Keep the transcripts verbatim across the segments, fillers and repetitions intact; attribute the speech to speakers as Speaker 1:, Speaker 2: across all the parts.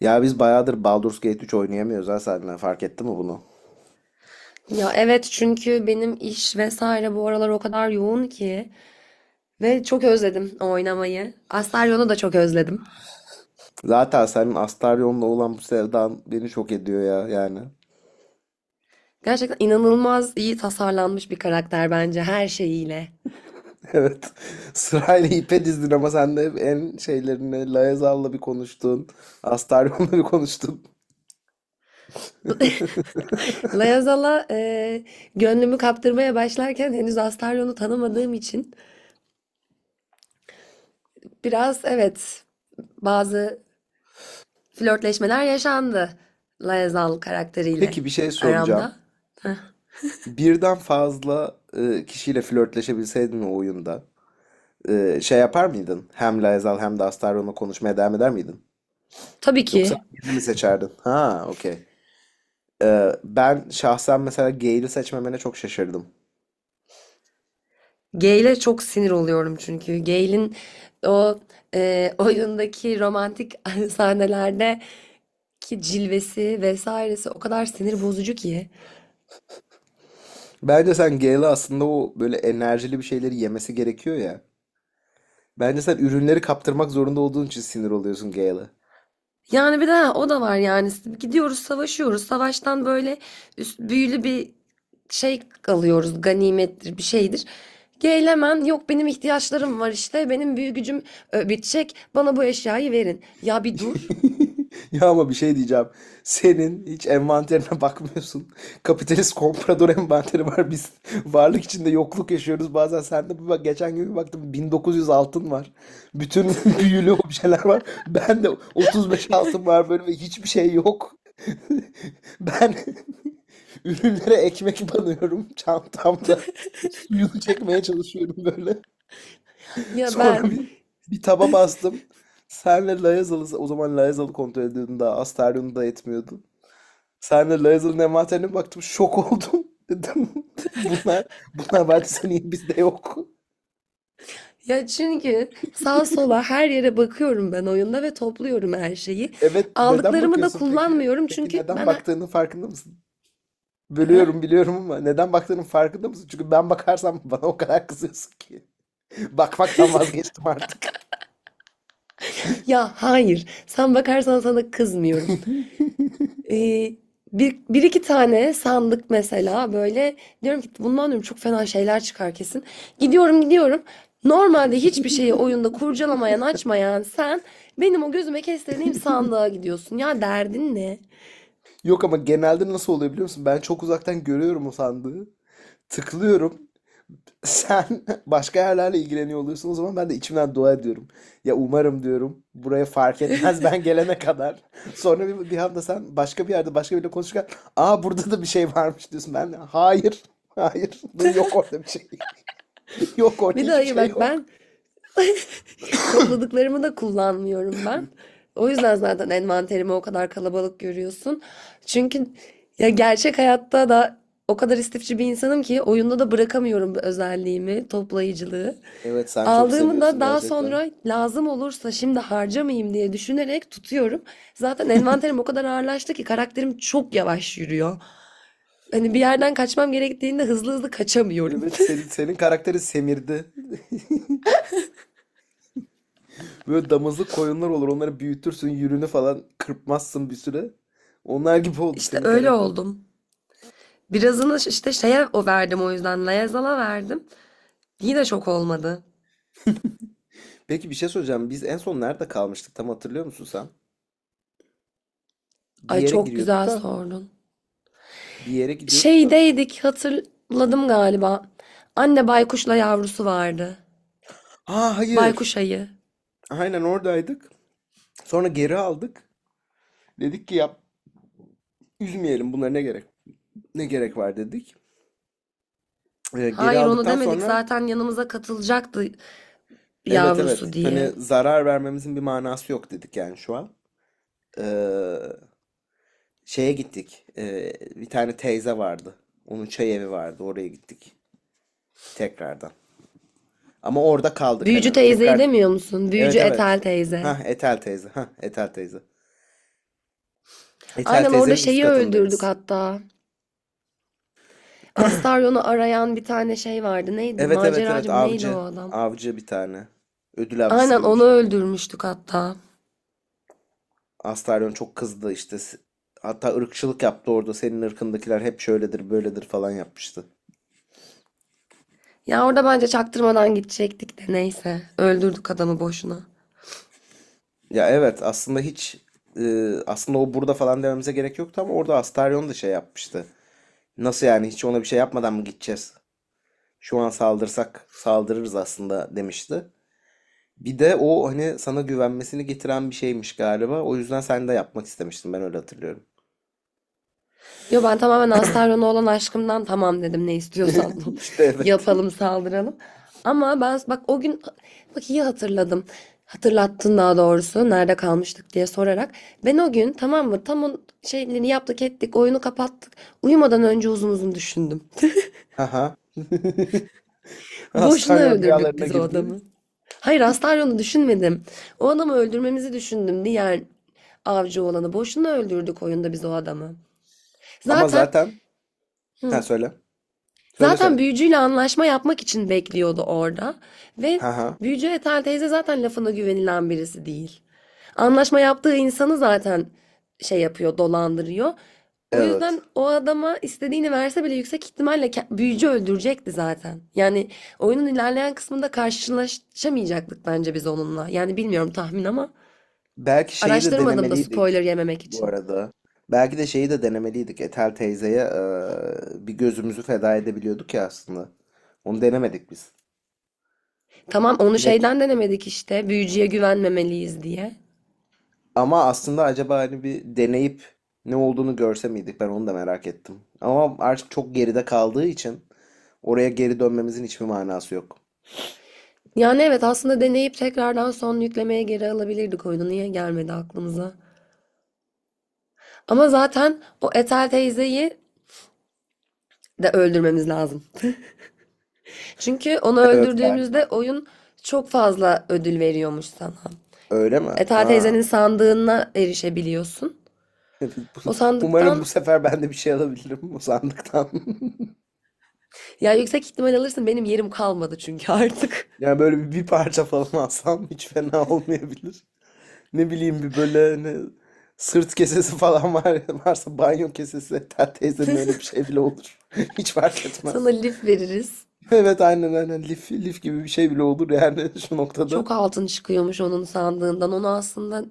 Speaker 1: Ya biz bayağıdır Baldur's Gate üç oynayamıyoruz, ha, seninle fark etti mi bunu?
Speaker 2: Ya evet çünkü benim iş vesaire bu aralar o kadar yoğun ki ve çok özledim o oynamayı. Astarion'u da çok özledim.
Speaker 1: Zaten senin Astarion'la olan bu sevdan beni şok ediyor ya yani.
Speaker 2: Gerçekten inanılmaz iyi tasarlanmış bir karakter bence her şeyiyle.
Speaker 1: Evet. Sırayla ipe dizdin ama sen de hep en şeylerini Laezal'la bir konuştun. Astarion'la bir konuştun.
Speaker 2: Layazala e, gönlümü kaptırmaya başlarken henüz Astarion'u tanımadığım için biraz evet bazı flörtleşmeler yaşandı Layazal karakteriyle
Speaker 1: Peki, bir şey soracağım.
Speaker 2: aramda. Heh.
Speaker 1: Birden fazla e, kişiyle flörtleşebilseydin o oyunda, e, şey yapar mıydın? Hem Laezal hem de Astarion'la konuşmaya devam eder miydin?
Speaker 2: Tabii
Speaker 1: Yoksa
Speaker 2: ki.
Speaker 1: birini mi seçerdin? Ha, okey. Ben şahsen mesela Gale'i seçmemene çok şaşırdım.
Speaker 2: Gay'le çok sinir oluyorum çünkü. Gay'in o e, oyundaki romantik sahnelerde ki cilvesi vesairesi o kadar sinir bozucu ki.
Speaker 1: Bence sen Gale'a aslında, o böyle enerjili bir şeyleri yemesi gerekiyor ya. Bence sen ürünleri kaptırmak zorunda olduğun için sinir oluyorsun Gale'a.
Speaker 2: Yani bir daha o da var yani. Gidiyoruz savaşıyoruz. Savaştan böyle üst, büyülü bir şey alıyoruz. Ganimettir bir şeydir. Gale hemen yok benim ihtiyaçlarım var işte. Benim büyü gücüm e, bitecek. Bana bu eşyayı verin. Ya bir dur.
Speaker 1: Ya ama bir şey diyeceğim. Senin hiç envanterine bakmıyorsun. Kapitalist komprador envanteri var. Biz varlık içinde yokluk yaşıyoruz. Bazen sen de bir bak, geçen gün bir baktım bin dokuz yüz altın var. Bütün büyülü objeler var. Ben de otuz beş altın var böyle ve hiçbir şey yok. Ben ürünlere ekmek banıyorum çantamda. Suyunu çekmeye çalışıyorum böyle.
Speaker 2: Ya
Speaker 1: Sonra
Speaker 2: ben
Speaker 1: bir, bir taba bastım. Senle Layazalı, o zaman Layazalı kontrol ediyordum daha. Astarion'u da etmiyordum. Senle Layazalı'nın envanterine baktım. Şok oldum. Dedim, bunlar, bunlar vardıysa niye bizde yok?
Speaker 2: Ya çünkü sağa sola her yere bakıyorum ben oyunda ve topluyorum her şeyi.
Speaker 1: Evet, neden
Speaker 2: Aldıklarımı da
Speaker 1: bakıyorsun peki?
Speaker 2: kullanmıyorum
Speaker 1: Peki,
Speaker 2: çünkü
Speaker 1: neden
Speaker 2: ben... ha-
Speaker 1: baktığının farkında mısın?
Speaker 2: ha?
Speaker 1: Bölüyorum, biliyorum, ama neden baktığının farkında mısın? Çünkü ben bakarsam bana o kadar kızıyorsun ki. Bakmaktan vazgeçtim artık.
Speaker 2: Ya hayır, sen bakarsan sana kızmıyorum. Ee, bir, bir iki tane sandık mesela böyle diyorum ki bundan diyorum çok fena şeyler çıkar kesin. Gidiyorum gidiyorum. Normalde hiçbir şeyi oyunda kurcalamayan açmayan sen benim o gözüme kestirdiğim sandığa gidiyorsun. Ya derdin ne?
Speaker 1: Yok, ama genelde nasıl oluyor biliyor musun? Ben çok uzaktan görüyorum o sandığı. Tıklıyorum. Sen başka yerlerle ilgileniyor oluyorsun, o zaman ben de içimden dua ediyorum. Ya umarım diyorum buraya fark etmez ben gelene kadar. Sonra bir, bir anda sen başka bir yerde başka biriyle konuşurken, aa, burada da bir şey varmış diyorsun. Ben de hayır hayır, dur, yok orada bir şey. Yok, orada
Speaker 2: Bir de
Speaker 1: hiçbir
Speaker 2: hayır
Speaker 1: şey
Speaker 2: bak
Speaker 1: yok.
Speaker 2: ben topladıklarımı da kullanmıyorum ben. O yüzden zaten envanterimi o kadar kalabalık görüyorsun. Çünkü ya gerçek hayatta da o kadar istifçi bir insanım ki oyunda da bırakamıyorum bu özelliğimi, toplayıcılığı.
Speaker 1: Evet, sen çok
Speaker 2: Aldığımı da
Speaker 1: seviyorsun
Speaker 2: daha
Speaker 1: gerçekten.
Speaker 2: sonra lazım olursa şimdi harcamayayım diye düşünerek tutuyorum. Zaten envanterim o kadar ağırlaştı ki karakterim çok yavaş yürüyor. Hani bir yerden kaçmam gerektiğinde hızlı hızlı kaçamıyorum.
Speaker 1: Evet, senin, senin karakteri semirdi. Böyle damızlık koyunlar olur, onları büyütürsün, yürünü falan kırpmazsın bir süre. Onlar gibi oldu
Speaker 2: İşte
Speaker 1: senin
Speaker 2: öyle
Speaker 1: karakter.
Speaker 2: oldum. Birazını işte şeye o verdim o yüzden. Layazal'a verdim. Yine şok olmadı.
Speaker 1: Peki, bir şey söyleyeceğim. Biz en son nerede kalmıştık? Tam hatırlıyor musun sen? Bir
Speaker 2: Ay
Speaker 1: yere
Speaker 2: çok
Speaker 1: giriyorduk
Speaker 2: güzel
Speaker 1: da,
Speaker 2: sordun.
Speaker 1: bir yere gidiyorduk da.
Speaker 2: Şeydeydik hatırladım galiba. Anne baykuşla yavrusu vardı.
Speaker 1: Aa, hayır.
Speaker 2: Baykuş ayı.
Speaker 1: Aynen oradaydık. Sonra geri aldık. Dedik ki, yap, üzmeyelim, bunlara ne gerek? Ne gerek var dedik. Ee, geri
Speaker 2: Hayır onu
Speaker 1: aldıktan
Speaker 2: demedik
Speaker 1: sonra,
Speaker 2: zaten yanımıza katılacaktı
Speaker 1: evet, evet.
Speaker 2: yavrusu
Speaker 1: Hani
Speaker 2: diye.
Speaker 1: zarar vermemizin bir manası yok dedik yani şu an. Ee, Şeye gittik. Ee, bir tane teyze vardı. Onun çay evi vardı. Oraya gittik tekrardan. Ama orada kaldık
Speaker 2: Büyücü
Speaker 1: hani
Speaker 2: teyzeyi
Speaker 1: tekrar.
Speaker 2: demiyor musun? Büyücü
Speaker 1: Evet,
Speaker 2: Etel
Speaker 1: evet.
Speaker 2: teyze.
Speaker 1: Ha, Etel teyze. Ha, Etel teyze. Etel
Speaker 2: Aynen orada
Speaker 1: teyzenin üst
Speaker 2: şeyi öldürdük
Speaker 1: katındayız.
Speaker 2: hatta. Astarion'u arayan bir tane şey vardı. Neydi?
Speaker 1: Evet, evet, evet,
Speaker 2: Maceracı mı? Neydi o
Speaker 1: avcı.
Speaker 2: adam?
Speaker 1: Avcı bir tane. Ödül avcısı
Speaker 2: Aynen
Speaker 1: gibi bir
Speaker 2: onu
Speaker 1: şey.
Speaker 2: öldürmüştük hatta.
Speaker 1: Astaryon çok kızdı işte. S- Hatta ırkçılık yaptı orada. Senin ırkındakiler hep şöyledir böyledir falan yapmıştı.
Speaker 2: Ya orada bence çaktırmadan gidecektik de neyse. Öldürdük adamı boşuna.
Speaker 1: Ya evet, aslında hiç e, aslında o burada falan dememize gerek yoktu, ama orada Astaryon da şey yapmıştı. Nasıl yani, hiç ona bir şey yapmadan mı gideceğiz? Şu an saldırsak saldırırız aslında demişti. Bir de o hani sana güvenmesini getiren bir şeymiş galiba. O yüzden sen de yapmak istemiştin. Ben öyle hatırlıyorum.
Speaker 2: Yo ben tamamen Astarion'a olan aşkımdan tamam dedim ne istiyorsan
Speaker 1: İşte evet.
Speaker 2: yapalım saldıralım. Ama ben bak o gün bak iyi hatırladım. Hatırlattın daha doğrusu nerede kalmıştık diye sorarak. Ben o gün tamam mı tam o şeyleri yaptık ettik oyunu kapattık. Uyumadan önce uzun uzun düşündüm.
Speaker 1: Haha.
Speaker 2: Boşuna
Speaker 1: Astaryon
Speaker 2: öldürdük
Speaker 1: rüyalarına
Speaker 2: biz o
Speaker 1: girdi.
Speaker 2: adamı. Hayır Astaryon'u düşünmedim. O adamı öldürmemizi düşündüm. Diğer avcı olanı. Boşuna öldürdük oyunda biz o adamı.
Speaker 1: Ama
Speaker 2: Zaten
Speaker 1: zaten. Ha,
Speaker 2: hı,
Speaker 1: söyle. Söyle
Speaker 2: Zaten
Speaker 1: söyle.
Speaker 2: büyücüyle anlaşma yapmak için bekliyordu orada. Ve
Speaker 1: Haha.
Speaker 2: büyücü Ethel teyze zaten lafına güvenilen birisi değil. Anlaşma yaptığı insanı zaten şey yapıyor, dolandırıyor. O
Speaker 1: Evet.
Speaker 2: yüzden o adama istediğini verse bile yüksek ihtimalle büyücü öldürecekti zaten. Yani oyunun ilerleyen kısmında karşılaşamayacaktık bence biz onunla. Yani bilmiyorum tahmin ama
Speaker 1: Belki şeyi de
Speaker 2: araştırmadım da spoiler
Speaker 1: denemeliydik
Speaker 2: yememek
Speaker 1: bu
Speaker 2: için.
Speaker 1: arada. Belki de şeyi de denemeliydik. Etel teyzeye eee, bir gözümüzü feda edebiliyorduk ya aslında. Onu denemedik biz.
Speaker 2: Tamam onu şeyden denemedik işte büyücüye güvenmemeliyiz diye.
Speaker 1: Ama aslında acaba hani bir deneyip ne olduğunu görse miydik? Ben onu da merak ettim. Ama artık çok geride kaldığı için oraya geri dönmemizin hiçbir manası yok.
Speaker 2: Yani evet aslında deneyip tekrardan son yüklemeye geri alabilirdik oyunu. Niye gelmedi aklımıza? Ama zaten o Ethel teyzeyi de öldürmemiz lazım. Çünkü onu
Speaker 1: Evet galiba.
Speaker 2: öldürdüğümüzde oyun çok fazla ödül veriyormuş sana.
Speaker 1: Öyle mi?
Speaker 2: Ethel
Speaker 1: Ha.
Speaker 2: teyzenin sandığına erişebiliyorsun. O
Speaker 1: Umarım bu
Speaker 2: sandıktan
Speaker 1: sefer ben de bir şey alabilirim bu sandıktan.
Speaker 2: ya yüksek ihtimal alırsın benim yerim kalmadı çünkü artık.
Speaker 1: Yani böyle bir, bir parça falan alsam hiç fena olmayabilir. Ne bileyim, bir böyle ne, sırt kesesi falan var, varsa banyo kesesi. Hatta teyzenin öyle bir şey bile olur. Hiç fark
Speaker 2: Sana
Speaker 1: etmez.
Speaker 2: lif veririz.
Speaker 1: Evet, aynen aynen, lif, lif gibi bir şey bile olur yani şu noktada.
Speaker 2: Çok altın çıkıyormuş onun sandığından. Onu aslında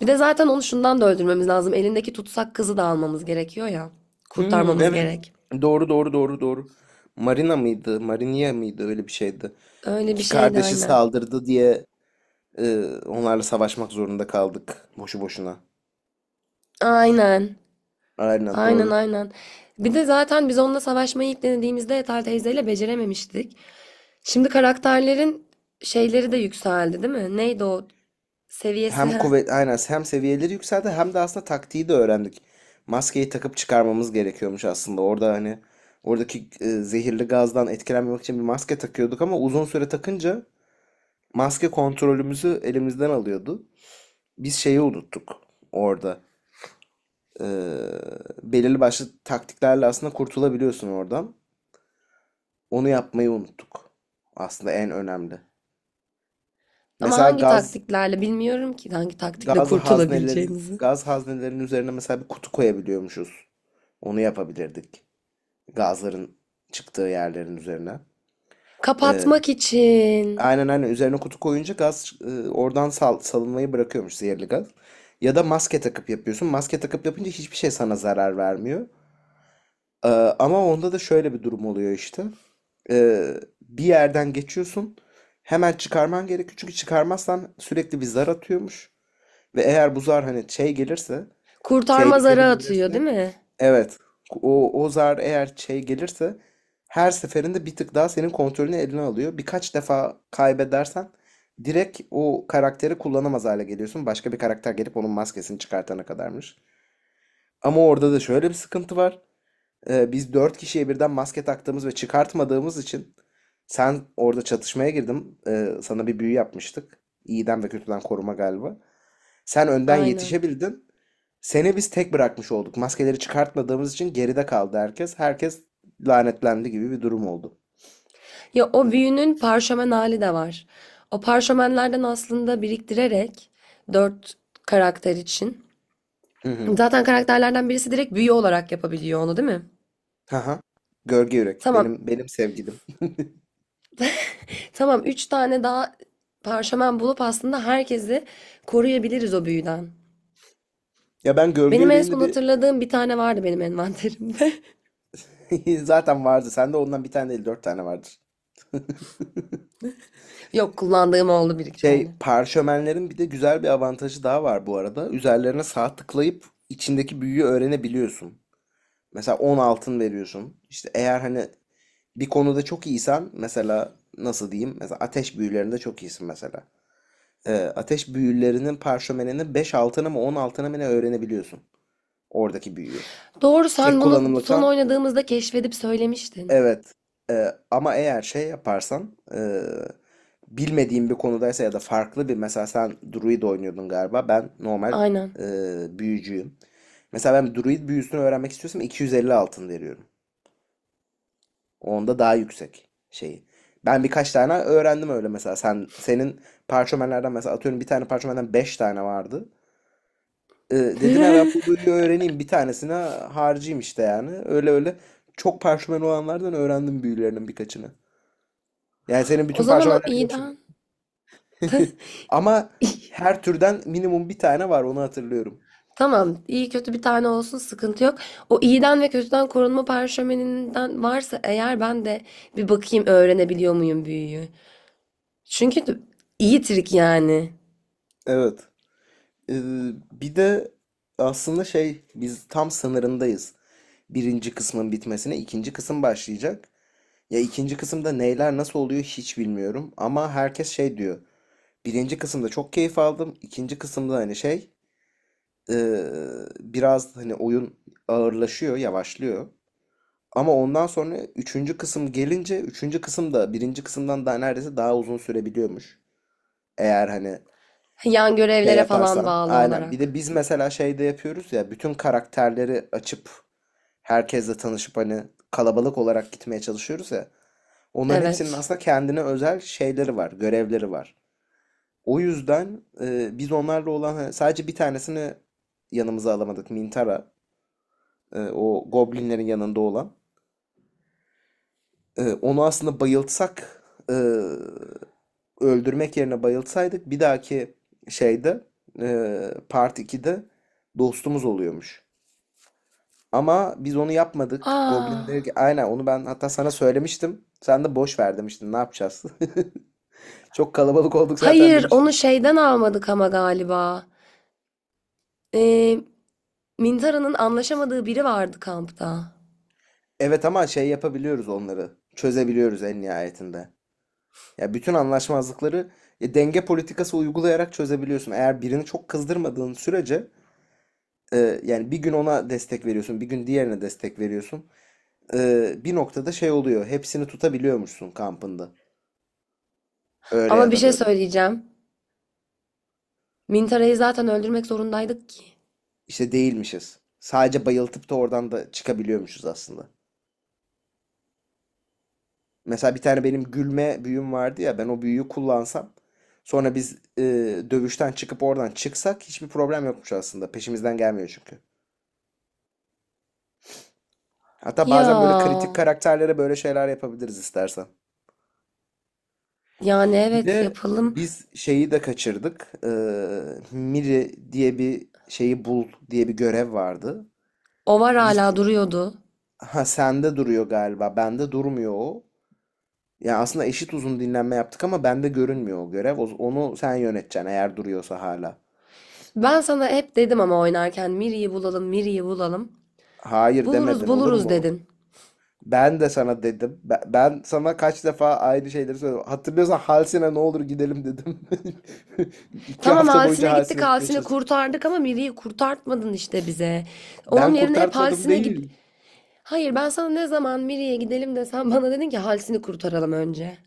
Speaker 2: bir de zaten onu şundan da öldürmemiz lazım. Elindeki tutsak kızı da almamız gerekiyor ya.
Speaker 1: Hmm,
Speaker 2: Kurtarmamız
Speaker 1: evet,
Speaker 2: gerek.
Speaker 1: doğru doğru doğru doğru. Marina mıydı? Marinia mıydı? Öyle bir şeydi.
Speaker 2: Öyle bir
Speaker 1: İki
Speaker 2: şeydi
Speaker 1: kardeşi
Speaker 2: aynen.
Speaker 1: saldırdı diye e, onlarla savaşmak zorunda kaldık boşu boşuna.
Speaker 2: Aynen.
Speaker 1: Aynen
Speaker 2: Aynen
Speaker 1: doğru.
Speaker 2: aynen. Bir de zaten biz onunla savaşmayı ilk denediğimizde Ethel teyzeyle becerememiştik. Şimdi karakterlerin şeyleri de yükseldi değil mi? Neydi o seviyesi?
Speaker 1: Hem
Speaker 2: Heh.
Speaker 1: kuvvet aynen, hem seviyeleri yükseldi, hem de aslında taktiği de öğrendik. Maskeyi takıp çıkarmamız gerekiyormuş aslında. Orada hani oradaki e, zehirli gazdan etkilenmemek için bir maske takıyorduk, ama uzun süre takınca maske kontrolümüzü elimizden alıyordu. Biz şeyi unuttuk orada. Ee, Belirli başlı taktiklerle aslında kurtulabiliyorsun oradan. Onu yapmayı unuttuk. Aslında en önemli.
Speaker 2: Ama
Speaker 1: Mesela
Speaker 2: hangi
Speaker 1: gaz
Speaker 2: taktiklerle bilmiyorum ki hangi taktikle
Speaker 1: gaz haznelerin
Speaker 2: kurtulabileceğimizi.
Speaker 1: gaz haznelerinin üzerine mesela bir kutu koyabiliyormuşuz. Onu yapabilirdik. Gazların çıktığı yerlerin üzerine. Ee,
Speaker 2: Kapatmak için.
Speaker 1: Aynen aynen, üzerine kutu koyunca gaz, e, oradan sal- salınmayı bırakıyormuş zehirli gaz. Ya da maske takıp yapıyorsun. Maske takıp yapınca hiçbir şey sana zarar vermiyor. Ee, Ama onda da şöyle bir durum oluyor işte. Ee, Bir yerden geçiyorsun. Hemen çıkarman gerekiyor. Çünkü çıkarmazsan sürekli bir zar atıyormuş. Ve eğer bu zar hani şey gelirse,
Speaker 2: Kurtarma zarı
Speaker 1: tehlikeli
Speaker 2: atıyor değil
Speaker 1: gelirse.
Speaker 2: mi?
Speaker 1: Evet. O, o zar eğer şey gelirse, her seferinde bir tık daha senin kontrolünü eline alıyor. Birkaç defa kaybedersen direkt o karakteri kullanamaz hale geliyorsun. Başka bir karakter gelip onun maskesini çıkartana kadarmış. Ama orada da şöyle bir sıkıntı var. Ee, biz dört kişiye birden maske taktığımız ve çıkartmadığımız için sen orada çatışmaya girdim. Ee, sana bir büyü yapmıştık. İyiden ve kötüden koruma galiba. Sen önden
Speaker 2: Aynen.
Speaker 1: yetişebildin. Seni biz tek bırakmış olduk. Maskeleri çıkartmadığımız için geride kaldı herkes. Herkes lanetlendi gibi bir durum oldu.
Speaker 2: Ya o büyünün parşömen hali de var. O parşömenlerden aslında biriktirerek dört karakter için.
Speaker 1: Hı hı.
Speaker 2: Zaten karakterlerden birisi direkt büyü olarak yapabiliyor onu, değil mi?
Speaker 1: Haha. Gölge Yürek.
Speaker 2: Tamam.
Speaker 1: Benim benim sevgilim.
Speaker 2: Tamam. Üç tane daha parşömen bulup aslında herkesi koruyabiliriz o büyüden.
Speaker 1: Ya ben Gölge
Speaker 2: Benim en
Speaker 1: Yürek'in de
Speaker 2: son
Speaker 1: bir
Speaker 2: hatırladığım bir tane vardı benim envanterimde.
Speaker 1: zaten vardı. Sende ondan bir tane değil, dört tane vardır.
Speaker 2: Yok kullandığım oldu bir iki
Speaker 1: Şey
Speaker 2: tane.
Speaker 1: parşömenlerin bir de güzel bir avantajı daha var bu arada. Üzerlerine sağ tıklayıp içindeki büyüyü öğrenebiliyorsun. Mesela on altın veriyorsun. İşte eğer hani bir konuda çok iyisen, mesela nasıl diyeyim? Mesela ateş büyülerinde çok iyisin mesela. Ee, ateş büyülerinin parşömenini beş altına mı on altına mı, ne, öğrenebiliyorsun. Oradaki büyüyü.
Speaker 2: Doğru
Speaker 1: Tek
Speaker 2: sen bunu son
Speaker 1: kullanımlıktan,
Speaker 2: oynadığımızda keşfedip söylemiştin.
Speaker 1: evet. Ee, ama eğer şey yaparsan, ee, bilmediğin bir konudaysa ya da farklı bir, mesela sen druid oynuyordun galiba. Ben normal
Speaker 2: Aynen.
Speaker 1: ee, büyücüyüm. Mesela ben druid büyüsünü öğrenmek istiyorsam iki yüz elli altın veriyorum. Onda daha yüksek şeyi. Ben birkaç tane öğrendim öyle mesela. Sen senin parşömenlerden mesela, atıyorum, bir tane parşömenden beş tane vardı. Ee, Dedim ya, ben bu boyu öğreneyim, bir tanesine harcayayım işte yani. Öyle öyle çok parşömen olanlardan öğrendim büyülerinin birkaçını. Yani senin
Speaker 2: O
Speaker 1: bütün
Speaker 2: zaman o
Speaker 1: parşömenler yok şimdi.
Speaker 2: iyiden.
Speaker 1: Ama her türden minimum bir tane var, onu hatırlıyorum.
Speaker 2: Tamam, iyi kötü bir tane olsun sıkıntı yok. O iyiden ve kötüden korunma parşömeninden varsa eğer ben de bir bakayım öğrenebiliyor muyum büyüyü. Çünkü d- iyi trik yani.
Speaker 1: Evet. Ee, Bir de aslında şey, biz tam sınırındayız. Birinci kısmın bitmesine, ikinci kısım başlayacak. Ya ikinci kısımda neyler nasıl oluyor hiç bilmiyorum. Ama herkes şey diyor. Birinci kısımda çok keyif aldım. İkinci kısımda hani şey, eee, biraz hani oyun ağırlaşıyor, yavaşlıyor. Ama ondan sonra üçüncü kısım gelince, üçüncü kısım da birinci kısımdan daha, neredeyse daha uzun sürebiliyormuş. Eğer hani
Speaker 2: Yan
Speaker 1: şey
Speaker 2: görevlere falan
Speaker 1: yaparsan.
Speaker 2: bağlı
Speaker 1: Aynen. Bir de
Speaker 2: olarak.
Speaker 1: biz mesela şeyde yapıyoruz ya, bütün karakterleri açıp herkesle tanışıp hani kalabalık olarak gitmeye çalışıyoruz ya. Onların hepsinin
Speaker 2: Evet.
Speaker 1: aslında kendine özel şeyleri var, görevleri var. O yüzden e, biz onlarla olan hani, sadece bir tanesini yanımıza alamadık. Mintara, e, o goblinlerin yanında olan. E, onu aslında bayıltsak, e, öldürmek yerine bayıltsaydık bir dahaki şeyde, e, Part ikide dostumuz oluyormuş. Ama biz onu yapmadık.
Speaker 2: Aa,
Speaker 1: Goblinler. Aynen, onu ben hatta sana söylemiştim. Sen de boş ver demiştin. Ne yapacağız? Çok kalabalık olduk zaten
Speaker 2: hayır onu
Speaker 1: demiştin.
Speaker 2: şeyden almadık ama galiba. Ee, Mintara'nın anlaşamadığı biri vardı kampta.
Speaker 1: Evet, ama şey yapabiliyoruz onları. Çözebiliyoruz en nihayetinde. Ya bütün anlaşmazlıkları e, denge politikası uygulayarak çözebiliyorsun. Eğer birini çok kızdırmadığın sürece, e, yani bir gün ona destek veriyorsun, bir gün diğerine destek veriyorsun. E, bir noktada şey oluyor. Hepsini tutabiliyormuşsun kampında. Öyle
Speaker 2: Ama
Speaker 1: ya
Speaker 2: bir
Speaker 1: da
Speaker 2: şey
Speaker 1: böyle.
Speaker 2: söyleyeceğim. Mintara'yı zaten öldürmek zorundaydık ki.
Speaker 1: İşte değilmişiz. Sadece bayıltıp da oradan da çıkabiliyormuşuz aslında. Mesela bir tane benim gülme büyüm vardı ya, ben o büyüyü kullansam sonra biz, e, dövüşten çıkıp oradan çıksak hiçbir problem yokmuş aslında. Peşimizden gelmiyor çünkü. Hatta bazen böyle
Speaker 2: Ya,
Speaker 1: kritik karakterlere böyle şeyler yapabiliriz istersen.
Speaker 2: yani
Speaker 1: Bir
Speaker 2: evet
Speaker 1: de
Speaker 2: yapalım.
Speaker 1: biz şeyi de kaçırdık. E, Miri diye bir şeyi bul diye bir görev vardı.
Speaker 2: O var
Speaker 1: Biz,
Speaker 2: hala duruyordu.
Speaker 1: ha, sende duruyor galiba. Bende durmuyor o. Yani aslında eşit uzun dinlenme yaptık ama bende görünmüyor o görev. O- Onu sen yöneteceksin eğer duruyorsa hala.
Speaker 2: Ben sana hep dedim ama oynarken Miri'yi bulalım, Miri'yi bulalım.
Speaker 1: Hayır,
Speaker 2: Buluruz,
Speaker 1: demedin, olur
Speaker 2: buluruz
Speaker 1: mu?
Speaker 2: dedin.
Speaker 1: Ben de sana dedim. Ben, ben sana kaç defa aynı şeyleri söyledim. Hatırlıyorsan, Halsine, ne olur gidelim, dedim. İki
Speaker 2: Tamam
Speaker 1: hafta boyunca
Speaker 2: Halsine
Speaker 1: Halsine
Speaker 2: gittik,
Speaker 1: gitmeye
Speaker 2: halsin'i
Speaker 1: çalıştık.
Speaker 2: kurtardık ama Miri'yi kurtartmadın işte bize.
Speaker 1: Ben
Speaker 2: Onun yerine hep
Speaker 1: kurtartmadım
Speaker 2: Halsine git...
Speaker 1: değil.
Speaker 2: Hayır ben sana ne zaman Miri'ye gidelim desem bana dedin ki Halsini kurtaralım önce.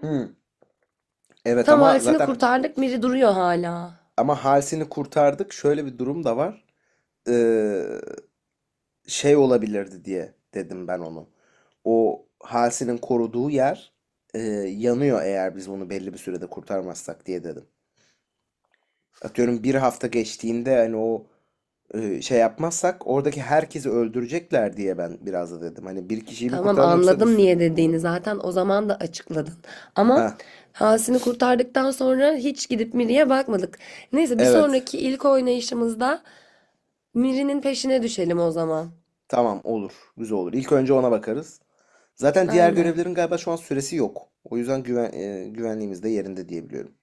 Speaker 1: Hı. Evet,
Speaker 2: Tamam
Speaker 1: ama
Speaker 2: Halsini
Speaker 1: zaten,
Speaker 2: kurtardık, Miri duruyor hala.
Speaker 1: ama Halsin'i kurtardık. Şöyle bir durum da var. Ee, Şey olabilirdi diye dedim ben onu. O Halsin'in koruduğu yer, e, yanıyor eğer biz bunu belli bir sürede kurtarmazsak diye dedim. Atıyorum bir hafta geçtiğinde hani o, e, şey yapmazsak oradaki herkesi öldürecekler diye ben biraz da dedim. Hani bir kişiyi mi
Speaker 2: Tamam
Speaker 1: kurtaralım, yoksa bir
Speaker 2: anladım
Speaker 1: sürü
Speaker 2: niye
Speaker 1: insanı
Speaker 2: dediğini
Speaker 1: mı?
Speaker 2: zaten o zaman da açıkladın.
Speaker 1: Ha,
Speaker 2: Ama Halsini kurtardıktan sonra hiç gidip Miri'ye bakmadık. Neyse bir
Speaker 1: evet.
Speaker 2: sonraki ilk oynayışımızda Miri'nin peşine düşelim o zaman.
Speaker 1: Tamam, olur. Güzel olur. İlk önce ona bakarız. Zaten diğer
Speaker 2: Aynen.
Speaker 1: görevlerin galiba şu an süresi yok. O yüzden güven, e, güvenliğimiz de yerinde diyebiliyorum.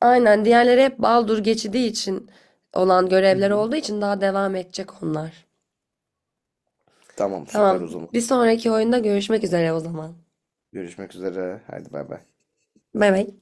Speaker 2: Aynen. Diğerleri hep Baldur geçidi için olan
Speaker 1: Hı
Speaker 2: görevler
Speaker 1: hı.
Speaker 2: olduğu için daha devam edecek onlar.
Speaker 1: Tamam, süper
Speaker 2: Tamam.
Speaker 1: o zaman.
Speaker 2: Bir sonraki oyunda görüşmek üzere o zaman.
Speaker 1: Görüşmek üzere. Hadi bay bay.
Speaker 2: Bay bay.